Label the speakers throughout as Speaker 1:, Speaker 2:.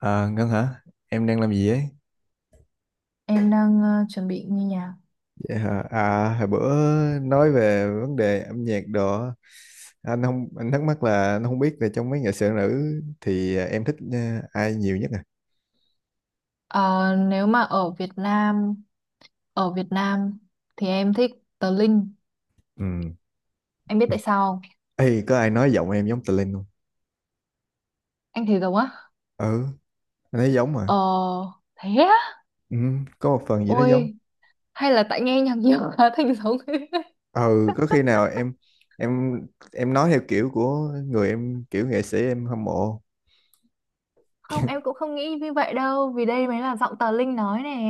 Speaker 1: À, Ngân hả? Em đang làm gì ấy?
Speaker 2: Em đang chuẩn bị nghe nhạc.
Speaker 1: Vậy hả? À, hồi bữa nói về vấn đề âm nhạc đồ, á, anh không anh thắc mắc là anh không biết là trong mấy nghệ sĩ nữ thì em thích ai nhiều nhất à?
Speaker 2: Ờ, nếu mà ở Việt Nam, ở Việt Nam thì em thích Tờ Linh.
Speaker 1: Ừ.
Speaker 2: Em biết tại sao không?
Speaker 1: Ê, có ai nói giọng em giống Tà Linh không?
Speaker 2: Anh thấy giống á?
Speaker 1: Ừ, anh thấy giống mà.
Speaker 2: Ờ, thế á?
Speaker 1: Ừ, có một phần gì đó giống.
Speaker 2: Ôi, hay là tại nghe nhạc nhiều quá thành giống.
Speaker 1: Ừ, có khi nào em em nói theo kiểu của người em, kiểu nghệ sĩ em hâm mộ.
Speaker 2: Không, em cũng không nghĩ như vậy đâu, vì đây mới là giọng Tờ Linh nói nè.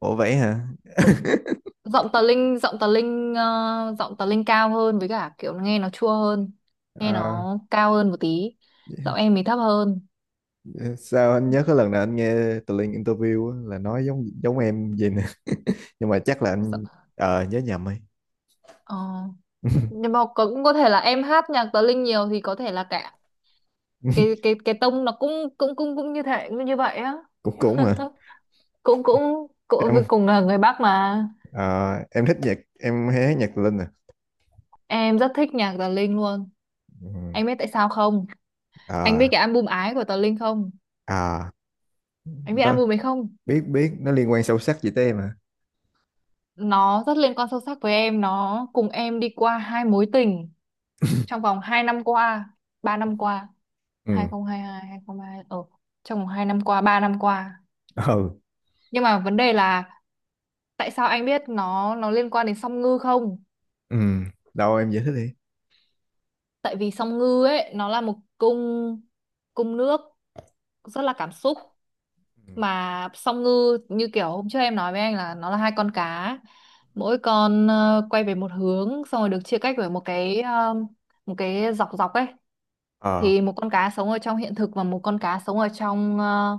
Speaker 1: Ủa vậy hả?
Speaker 2: Giọng Tờ Linh cao hơn, với cả kiểu nghe nó chua hơn, nghe
Speaker 1: À,
Speaker 2: nó cao hơn một tí. Giọng em thì thấp hơn.
Speaker 1: sao anh nhớ cái lần nào anh nghe tụi Linh interview á, là nói giống giống em gì nè nhưng mà chắc là
Speaker 2: Giọng,
Speaker 1: anh nhớ nhầm ấy.
Speaker 2: ờ. Nhưng mà cũng có thể là em hát nhạc Tờ Linh nhiều thì có thể là cả cái cái cái tông nó cũng cũng cũng cũng như thế như vậy á,
Speaker 1: cũng cũng mà
Speaker 2: cũng cũng cũng
Speaker 1: em,
Speaker 2: cùng là người Bắc mà.
Speaker 1: ờ, em thích nhạc, em hay hát nhạc tụi Linh à.
Speaker 2: Em rất thích nhạc Tờ Linh luôn.
Speaker 1: Ừ.
Speaker 2: Anh biết tại sao không? Anh
Speaker 1: Ờ.
Speaker 2: biết cái album Ái của Tờ Linh không?
Speaker 1: Ờ.
Speaker 2: Anh biết
Speaker 1: Đó,
Speaker 2: album ấy không?
Speaker 1: biết biết nó liên quan sâu sắc gì tới em à.
Speaker 2: Nó rất liên quan sâu sắc với em, nó cùng em đi qua hai mối tình trong vòng 2 năm qua, 3 năm qua.
Speaker 1: Ừ.
Speaker 2: 2022, 2022, ở trong vòng 2 năm qua, ba năm qua.
Speaker 1: Ừ.
Speaker 2: Nhưng mà vấn đề là, tại sao anh biết nó liên quan đến Song Ngư không?
Speaker 1: Ừ, đâu em giải thích đi.
Speaker 2: Tại vì Song Ngư ấy nó là một cung, cung nước, rất là cảm xúc.
Speaker 1: Ừ.
Speaker 2: Mà Song Ngư như kiểu hôm trước em nói với anh là nó là hai con cá. Mỗi con quay về một hướng, xong rồi được chia cách bởi một cái dọc dọc ấy.
Speaker 1: Ờ,
Speaker 2: Thì một con cá sống ở trong hiện thực và một con cá sống ở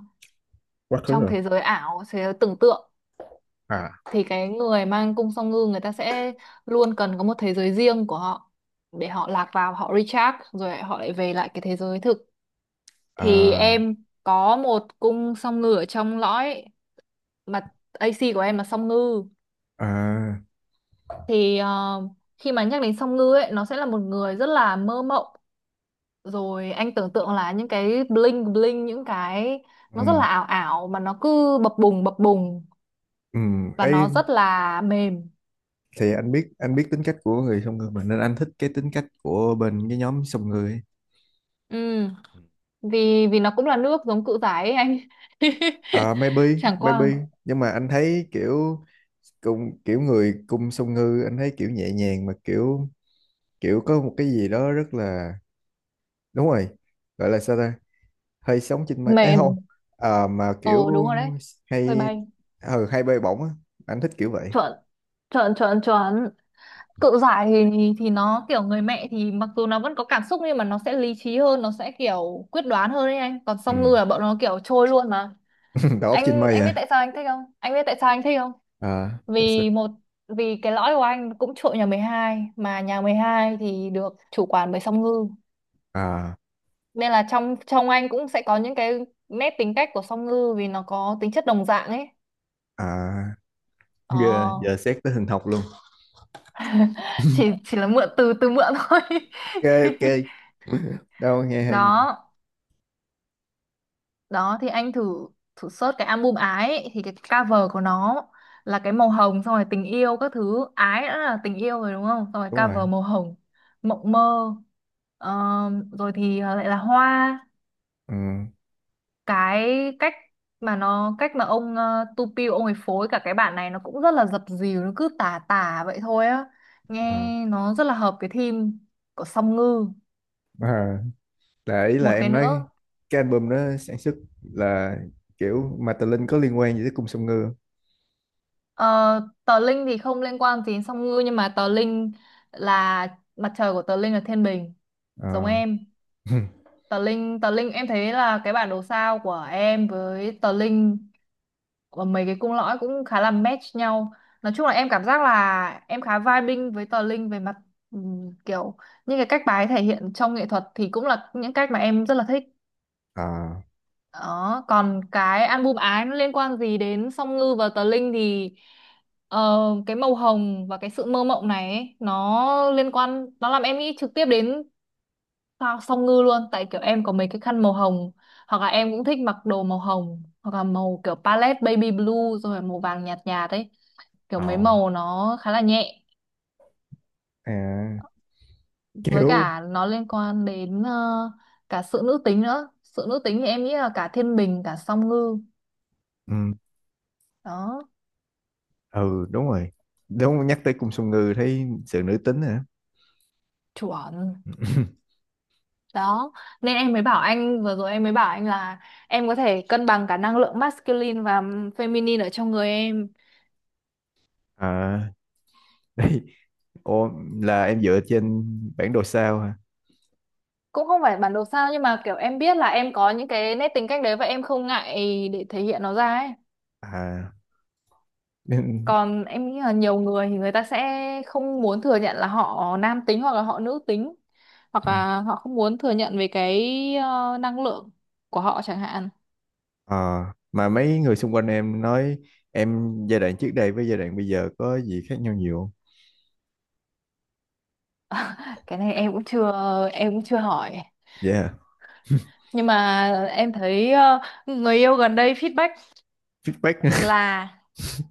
Speaker 1: quá khứ
Speaker 2: trong
Speaker 1: rồi.
Speaker 2: thế giới ảo, thế giới tưởng tượng.
Speaker 1: À.
Speaker 2: Thì cái người mang cung Song Ngư, người ta sẽ luôn cần có một thế giới riêng của họ để họ lạc vào, họ recharge, rồi họ lại về lại cái thế giới thực. Thì
Speaker 1: À.
Speaker 2: em có một cung Song Ngư ở trong lõi, mà AC của em là Song Ngư.
Speaker 1: À.
Speaker 2: thì ờ, Khi mà nhắc đến Song Ngư ấy, nó sẽ là một người rất là mơ mộng, rồi anh tưởng tượng là những cái bling bling, những cái
Speaker 1: Ừ.
Speaker 2: nó rất là ảo ảo, mà nó cứ bập bùng bập bùng,
Speaker 1: Ừ,
Speaker 2: và nó rất là mềm.
Speaker 1: thì anh biết tính cách của người song ngư mà, nên anh thích cái tính cách của bên cái nhóm song ngư ấy.
Speaker 2: Ừ,
Speaker 1: Ừ.
Speaker 2: vì vì nó cũng là nước giống Cự Giải ấy anh.
Speaker 1: À, maybe.
Speaker 2: Chẳng qua.
Speaker 1: Nhưng mà anh thấy kiểu cùng kiểu người cung song ngư, anh thấy kiểu nhẹ nhàng mà kiểu kiểu có một cái gì đó rất là, đúng rồi, gọi là sao ta, hơi sống trên mây ấy không?
Speaker 2: Mềm.
Speaker 1: À, mà kiểu
Speaker 2: Ồ đúng rồi đấy. Hơi
Speaker 1: hay,
Speaker 2: bay.
Speaker 1: ừ, hay bay bổng á, anh thích kiểu vậy.
Speaker 2: Chuẩn chuẩn chuẩn chuẩn. Cự Giải thì nó kiểu người mẹ, thì mặc dù nó vẫn có cảm xúc nhưng mà nó sẽ lý trí hơn, nó sẽ kiểu quyết đoán hơn đấy anh, còn
Speaker 1: Ừ.
Speaker 2: Song Ngư là bọn nó kiểu trôi luôn mà.
Speaker 1: Đầu óc trên
Speaker 2: anh
Speaker 1: mây
Speaker 2: anh biết
Speaker 1: à.
Speaker 2: tại sao anh thích không? Anh biết tại sao anh thích không?
Speaker 1: À, tại sao?
Speaker 2: Vì một vì cái lõi của anh cũng trội nhà 12, mà nhà 12 thì được chủ quản bởi Song Ngư.
Speaker 1: À.
Speaker 2: Nên là trong trong anh cũng sẽ có những cái nét tính cách của Song Ngư, vì nó có tính chất đồng dạng ấy.
Speaker 1: À,
Speaker 2: ờ,
Speaker 1: giờ giờ xét tới hình học luôn.
Speaker 2: chỉ chỉ là mượn từ từ mượn thôi.
Speaker 1: OK, OK. Đâu nghe hay mà.
Speaker 2: đó đó thì anh thử thử search cái album Ái ấy, thì cái cover của nó là cái màu hồng, xong rồi tình yêu các thứ, ái đã là tình yêu rồi đúng không, xong rồi
Speaker 1: Đúng rồi.
Speaker 2: cover màu hồng mộng mơ, ờ, rồi thì lại là hoa.
Speaker 1: Ừ.
Speaker 2: Cái cách mà nó cách mà ông Tupi ông ấy phối cả cái bản này nó cũng rất là dập dìu, nó cứ tả tả vậy thôi á, nghe
Speaker 1: Ờ.
Speaker 2: nó rất là hợp cái theme của Song Ngư.
Speaker 1: À, là ý là
Speaker 2: Một cái
Speaker 1: em nói
Speaker 2: nữa,
Speaker 1: cái album đó sản xuất là kiểu mà Tà Linh có liên quan gì tới cung Song Ngư không?
Speaker 2: ờ, Tờ Linh thì không liên quan gì đến Song Ngư, nhưng mà Tờ Linh là mặt trời của Tờ Linh là Thiên Bình,
Speaker 1: Ờ.
Speaker 2: giống em. Tờ Linh, em thấy là cái bản đồ sao của em với Tờ Linh và mấy cái cung lõi cũng khá là match nhau. Nói chung là em cảm giác là em khá vibing với Tờ Linh về mặt kiểu những cái cách bà ấy thể hiện trong nghệ thuật thì cũng là những cách mà em rất là thích.
Speaker 1: À.
Speaker 2: Đó, còn cái album Ái nó liên quan gì đến Song Ngư và Tờ Linh thì ờ, cái màu hồng và cái sự mơ mộng này ấy, nó liên quan, nó làm em nghĩ trực tiếp đến Tao Song Ngư luôn, tại kiểu em có mấy cái khăn màu hồng, hoặc là em cũng thích mặc đồ màu hồng, hoặc là màu kiểu palette baby blue, rồi là màu vàng nhạt nhạt ấy, kiểu mấy
Speaker 1: Ồ.
Speaker 2: màu nó khá là nhẹ.
Speaker 1: À,
Speaker 2: Với
Speaker 1: kiểu.
Speaker 2: cả nó liên quan đến cả sự nữ tính nữa. Sự nữ tính thì em nghĩ là cả Thiên Bình cả Song Ngư.
Speaker 1: Ừ.
Speaker 2: Đó.
Speaker 1: Ừ đúng rồi, đúng, nhắc tới cung Song Ngư thấy sự nữ tính hả.
Speaker 2: Chuẩn. Đó nên em mới bảo anh vừa rồi, em mới bảo anh là em có thể cân bằng cả năng lượng masculine và feminine ở trong người em.
Speaker 1: À, đây. Ô, là em dựa trên bản đồ sao hả?
Speaker 2: Cũng không phải bản đồ sao, nhưng mà kiểu em biết là em có những cái nét tính cách đấy và em không ngại để thể hiện nó ra ấy.
Speaker 1: À, nên.
Speaker 2: Còn em nghĩ là nhiều người thì người ta sẽ không muốn thừa nhận là họ nam tính hoặc là họ nữ tính, hoặc
Speaker 1: Ừ.
Speaker 2: là họ không muốn thừa nhận về cái năng lượng của họ chẳng hạn.
Speaker 1: Ờ, mà mấy người xung quanh em nói em giai đoạn trước đây với giai đoạn bây giờ có gì khác nhau nhiều không?
Speaker 2: Cái này em cũng chưa hỏi.
Speaker 1: Dạ, yeah.
Speaker 2: Nhưng mà em thấy người yêu gần đây feedback
Speaker 1: Feedback.
Speaker 2: là,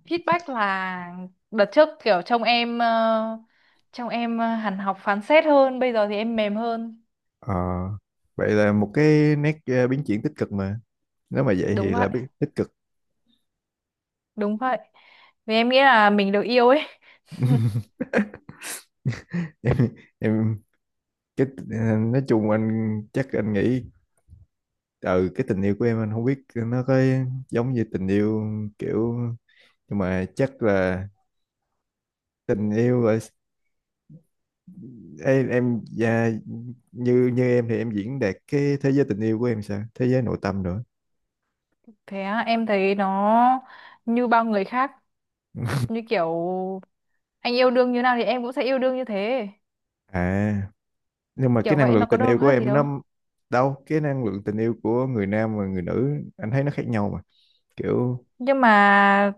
Speaker 2: feedback là đợt trước kiểu trông em, hẳn học phán xét hơn, bây giờ thì em mềm hơn.
Speaker 1: Ờ, vậy là một cái nét, biến chuyển tích cực mà. Nếu mà vậy
Speaker 2: Đúng
Speaker 1: thì
Speaker 2: vậy,
Speaker 1: là biết tích cực.
Speaker 2: đúng vậy. Vì em nghĩ là mình được yêu ấy.
Speaker 1: Em, em cái, nói chung anh chắc anh nghĩ, ừ, cái tình yêu của em, anh không biết nó có giống như tình yêu kiểu, nhưng mà chắc là tình yêu là em, dạ, như như em thì em diễn đạt cái thế giới tình yêu của em sao? Thế giới nội tâm nữa.
Speaker 2: Thế á? Em thấy nó như bao người khác,
Speaker 1: Ừ.
Speaker 2: như kiểu anh yêu đương như nào thì em cũng sẽ yêu đương như thế,
Speaker 1: À, nhưng mà cái
Speaker 2: kiểu
Speaker 1: năng
Speaker 2: vậy
Speaker 1: lượng
Speaker 2: nó có
Speaker 1: tình
Speaker 2: đâu
Speaker 1: yêu của
Speaker 2: khác gì
Speaker 1: em
Speaker 2: đâu.
Speaker 1: nó, đâu, cái năng lượng tình yêu của người nam và người nữ anh thấy nó khác nhau mà. Kiểu.
Speaker 2: nhưng mà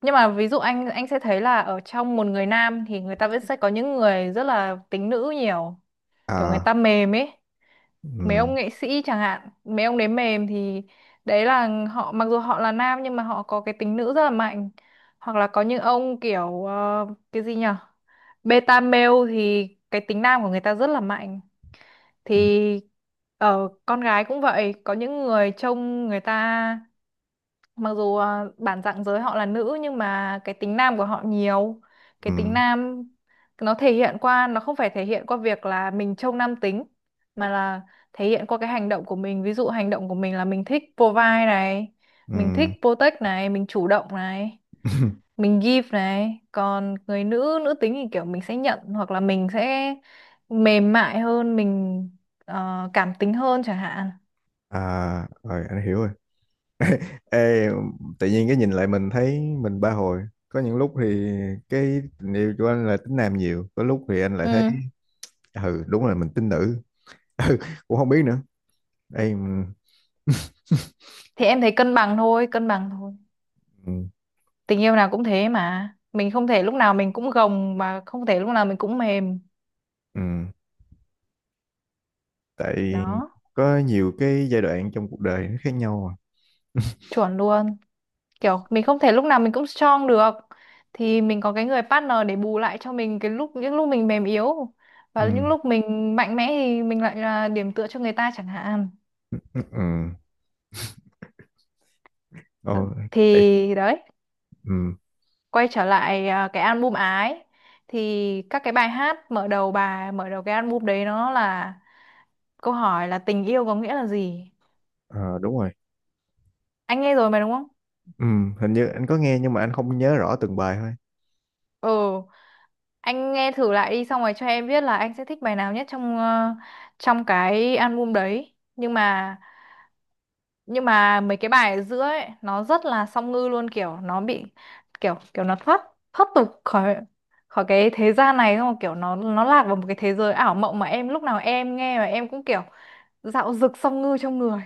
Speaker 2: nhưng mà ví dụ anh sẽ thấy là ở trong một người nam thì người ta vẫn sẽ có những người rất là tính nữ nhiều, kiểu người
Speaker 1: À.
Speaker 2: ta mềm ấy. Mấy
Speaker 1: ừm,
Speaker 2: ông nghệ sĩ chẳng hạn, mấy ông đấy mềm, thì đấy là họ mặc dù họ là nam nhưng mà họ có cái tính nữ rất là mạnh. Hoặc là có những ông kiểu cái gì nhở, beta male, thì cái tính nam của người ta rất là mạnh.
Speaker 1: ừm,
Speaker 2: Thì ở con gái cũng vậy, có những người trông người ta mặc dù bản dạng giới họ là nữ nhưng mà cái tính nam của họ nhiều. Cái tính
Speaker 1: ừm,
Speaker 2: nam nó thể hiện qua, nó không phải thể hiện qua việc là mình trông nam tính, mà là thể hiện qua cái hành động của mình. Ví dụ hành động của mình là mình thích provide này, mình thích
Speaker 1: ừm,
Speaker 2: protect này, mình chủ động này, mình give này. Còn người nữ nữ tính thì kiểu mình sẽ nhận, hoặc là mình sẽ mềm mại hơn, mình cảm tính hơn chẳng hạn.
Speaker 1: À rồi anh hiểu rồi. Ê, tự nhiên cái nhìn lại mình thấy mình ba hồi. Có những lúc thì cái tình yêu của anh là tính nam nhiều, có lúc thì anh lại
Speaker 2: Ừ,
Speaker 1: thấy, ừ, đúng là mình tính nữ. Ừ, cũng không biết nữa. Ê,
Speaker 2: thì em thấy cân bằng thôi, cân bằng thôi.
Speaker 1: ừm,
Speaker 2: Tình yêu nào cũng thế, mà mình không thể lúc nào mình cũng gồng, mà không thể lúc nào mình cũng mềm.
Speaker 1: ừm, tại
Speaker 2: Đó.
Speaker 1: có nhiều cái giai đoạn trong cuộc đời nó khác nhau mà.
Speaker 2: Chuẩn luôn. Kiểu mình không thể lúc nào mình cũng strong được thì mình có cái người partner để bù lại cho mình cái lúc, những lúc mình mềm yếu,
Speaker 1: Ừ.
Speaker 2: và những lúc mình mạnh mẽ thì mình lại là điểm tựa cho người ta chẳng hạn.
Speaker 1: Ừ. Ồ.
Speaker 2: Đ-
Speaker 1: Ê,
Speaker 2: thì đấy.
Speaker 1: ừ.
Speaker 2: Quay trở lại cái album Ái, thì các cái bài hát mở đầu, bài mở đầu cái album đấy, nó là câu hỏi là tình yêu có nghĩa là gì.
Speaker 1: Ờ, đúng rồi.
Speaker 2: Anh nghe rồi mà đúng không?
Speaker 1: Ừ, hình như anh có nghe nhưng mà anh không nhớ rõ từng bài thôi.
Speaker 2: Ừ. Anh nghe thử lại đi, xong rồi cho em biết là anh sẽ thích bài nào nhất trong cái album đấy. Nhưng mà mấy cái bài ở giữa ấy nó rất là Song Ngư luôn, kiểu nó bị kiểu kiểu nó thoát, tục khỏi, cái thế gian này, xong rồi kiểu nó lạc vào một cái thế giới ảo mộng, mà em lúc nào em nghe mà em cũng kiểu dạo dực Song Ngư trong người.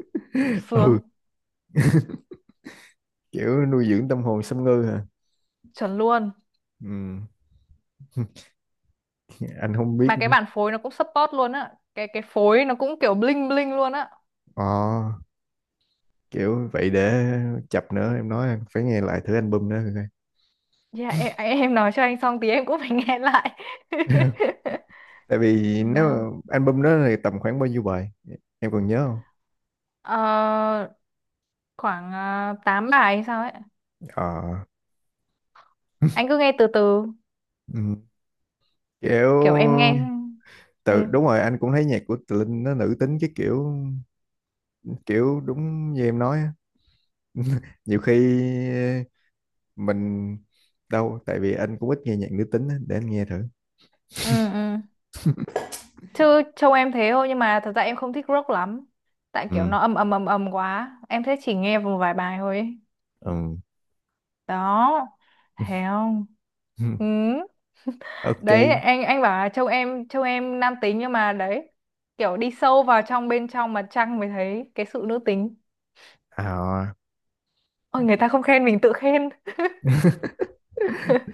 Speaker 2: Sướng.
Speaker 1: Ừ, kiểu nuôi dưỡng tâm hồn xâm ngư hả.
Speaker 2: Chuẩn luôn.
Speaker 1: Ừ. Anh không biết
Speaker 2: Mà cái
Speaker 1: nữa.
Speaker 2: bản phối nó cũng support luôn á, cái phối nó cũng kiểu bling bling luôn á.
Speaker 1: Ờ, kiểu vậy để chập nữa em nói anh phải nghe lại thử album nữa coi.
Speaker 2: Dạ em, nói cho anh xong tí em cũng phải nghe lại.
Speaker 1: Tại vì
Speaker 2: Tầm
Speaker 1: nếu
Speaker 2: bao?
Speaker 1: mà album đó thì tầm khoảng bao nhiêu bài em còn nhớ không?
Speaker 2: Ờ, Khoảng 8 bài hay sao ấy.
Speaker 1: Ờ.
Speaker 2: Anh cứ nghe từ từ,
Speaker 1: Ừ.
Speaker 2: kiểu em
Speaker 1: Kiểu,
Speaker 2: nghe. Ừ.
Speaker 1: tự, đúng rồi, anh cũng thấy nhạc của Tự Linh nó nữ tính cái kiểu, kiểu đúng như em nói. Nhiều khi mình, đâu tại vì anh cũng ít nghe nhạc nữ tính á, để anh nghe thử.
Speaker 2: Ừ ừ. Chứ trông em thế thôi nhưng mà thật ra em không thích rock lắm. Tại kiểu
Speaker 1: Ừ.
Speaker 2: nó ầm ầm ầm ầm quá. Em thế chỉ nghe một vài bài thôi ấy.
Speaker 1: Ừ.
Speaker 2: Đó. Thấy không? Ừ.
Speaker 1: OK.
Speaker 2: Đấy anh bảo là trông em nam tính, nhưng mà đấy, kiểu đi sâu vào trong, bên trong mặt trăng mới thấy cái sự nữ tính.
Speaker 1: À
Speaker 2: Ôi, người ta không khen mình tự khen.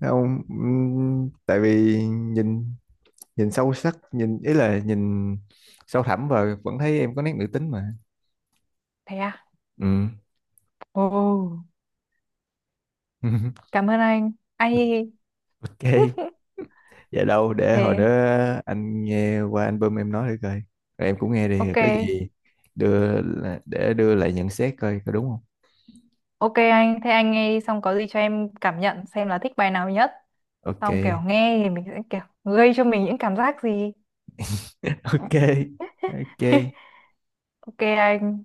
Speaker 1: không, tại vì nhìn nhìn sâu sắc, nhìn ý là nhìn sâu thẳm và vẫn thấy em có nét nữ tính mà.
Speaker 2: Thế à?
Speaker 1: Ừ.
Speaker 2: Ồ. Cảm ơn anh ai.
Speaker 1: OK. Vậy đâu để hồi
Speaker 2: Thế.
Speaker 1: nữa anh nghe qua album em nói thử coi, rồi em cũng nghe đi, rồi
Speaker 2: Ok,
Speaker 1: có gì đưa, để đưa lại nhận xét coi có đúng không.
Speaker 2: ok. Anh thế anh nghe đi, xong có gì cho em cảm nhận xem là thích bài nào nhất,
Speaker 1: OK.
Speaker 2: xong kiểu nghe thì mình sẽ kiểu gây cho mình những cảm giác gì.
Speaker 1: OK. OK.
Speaker 2: Ok anh.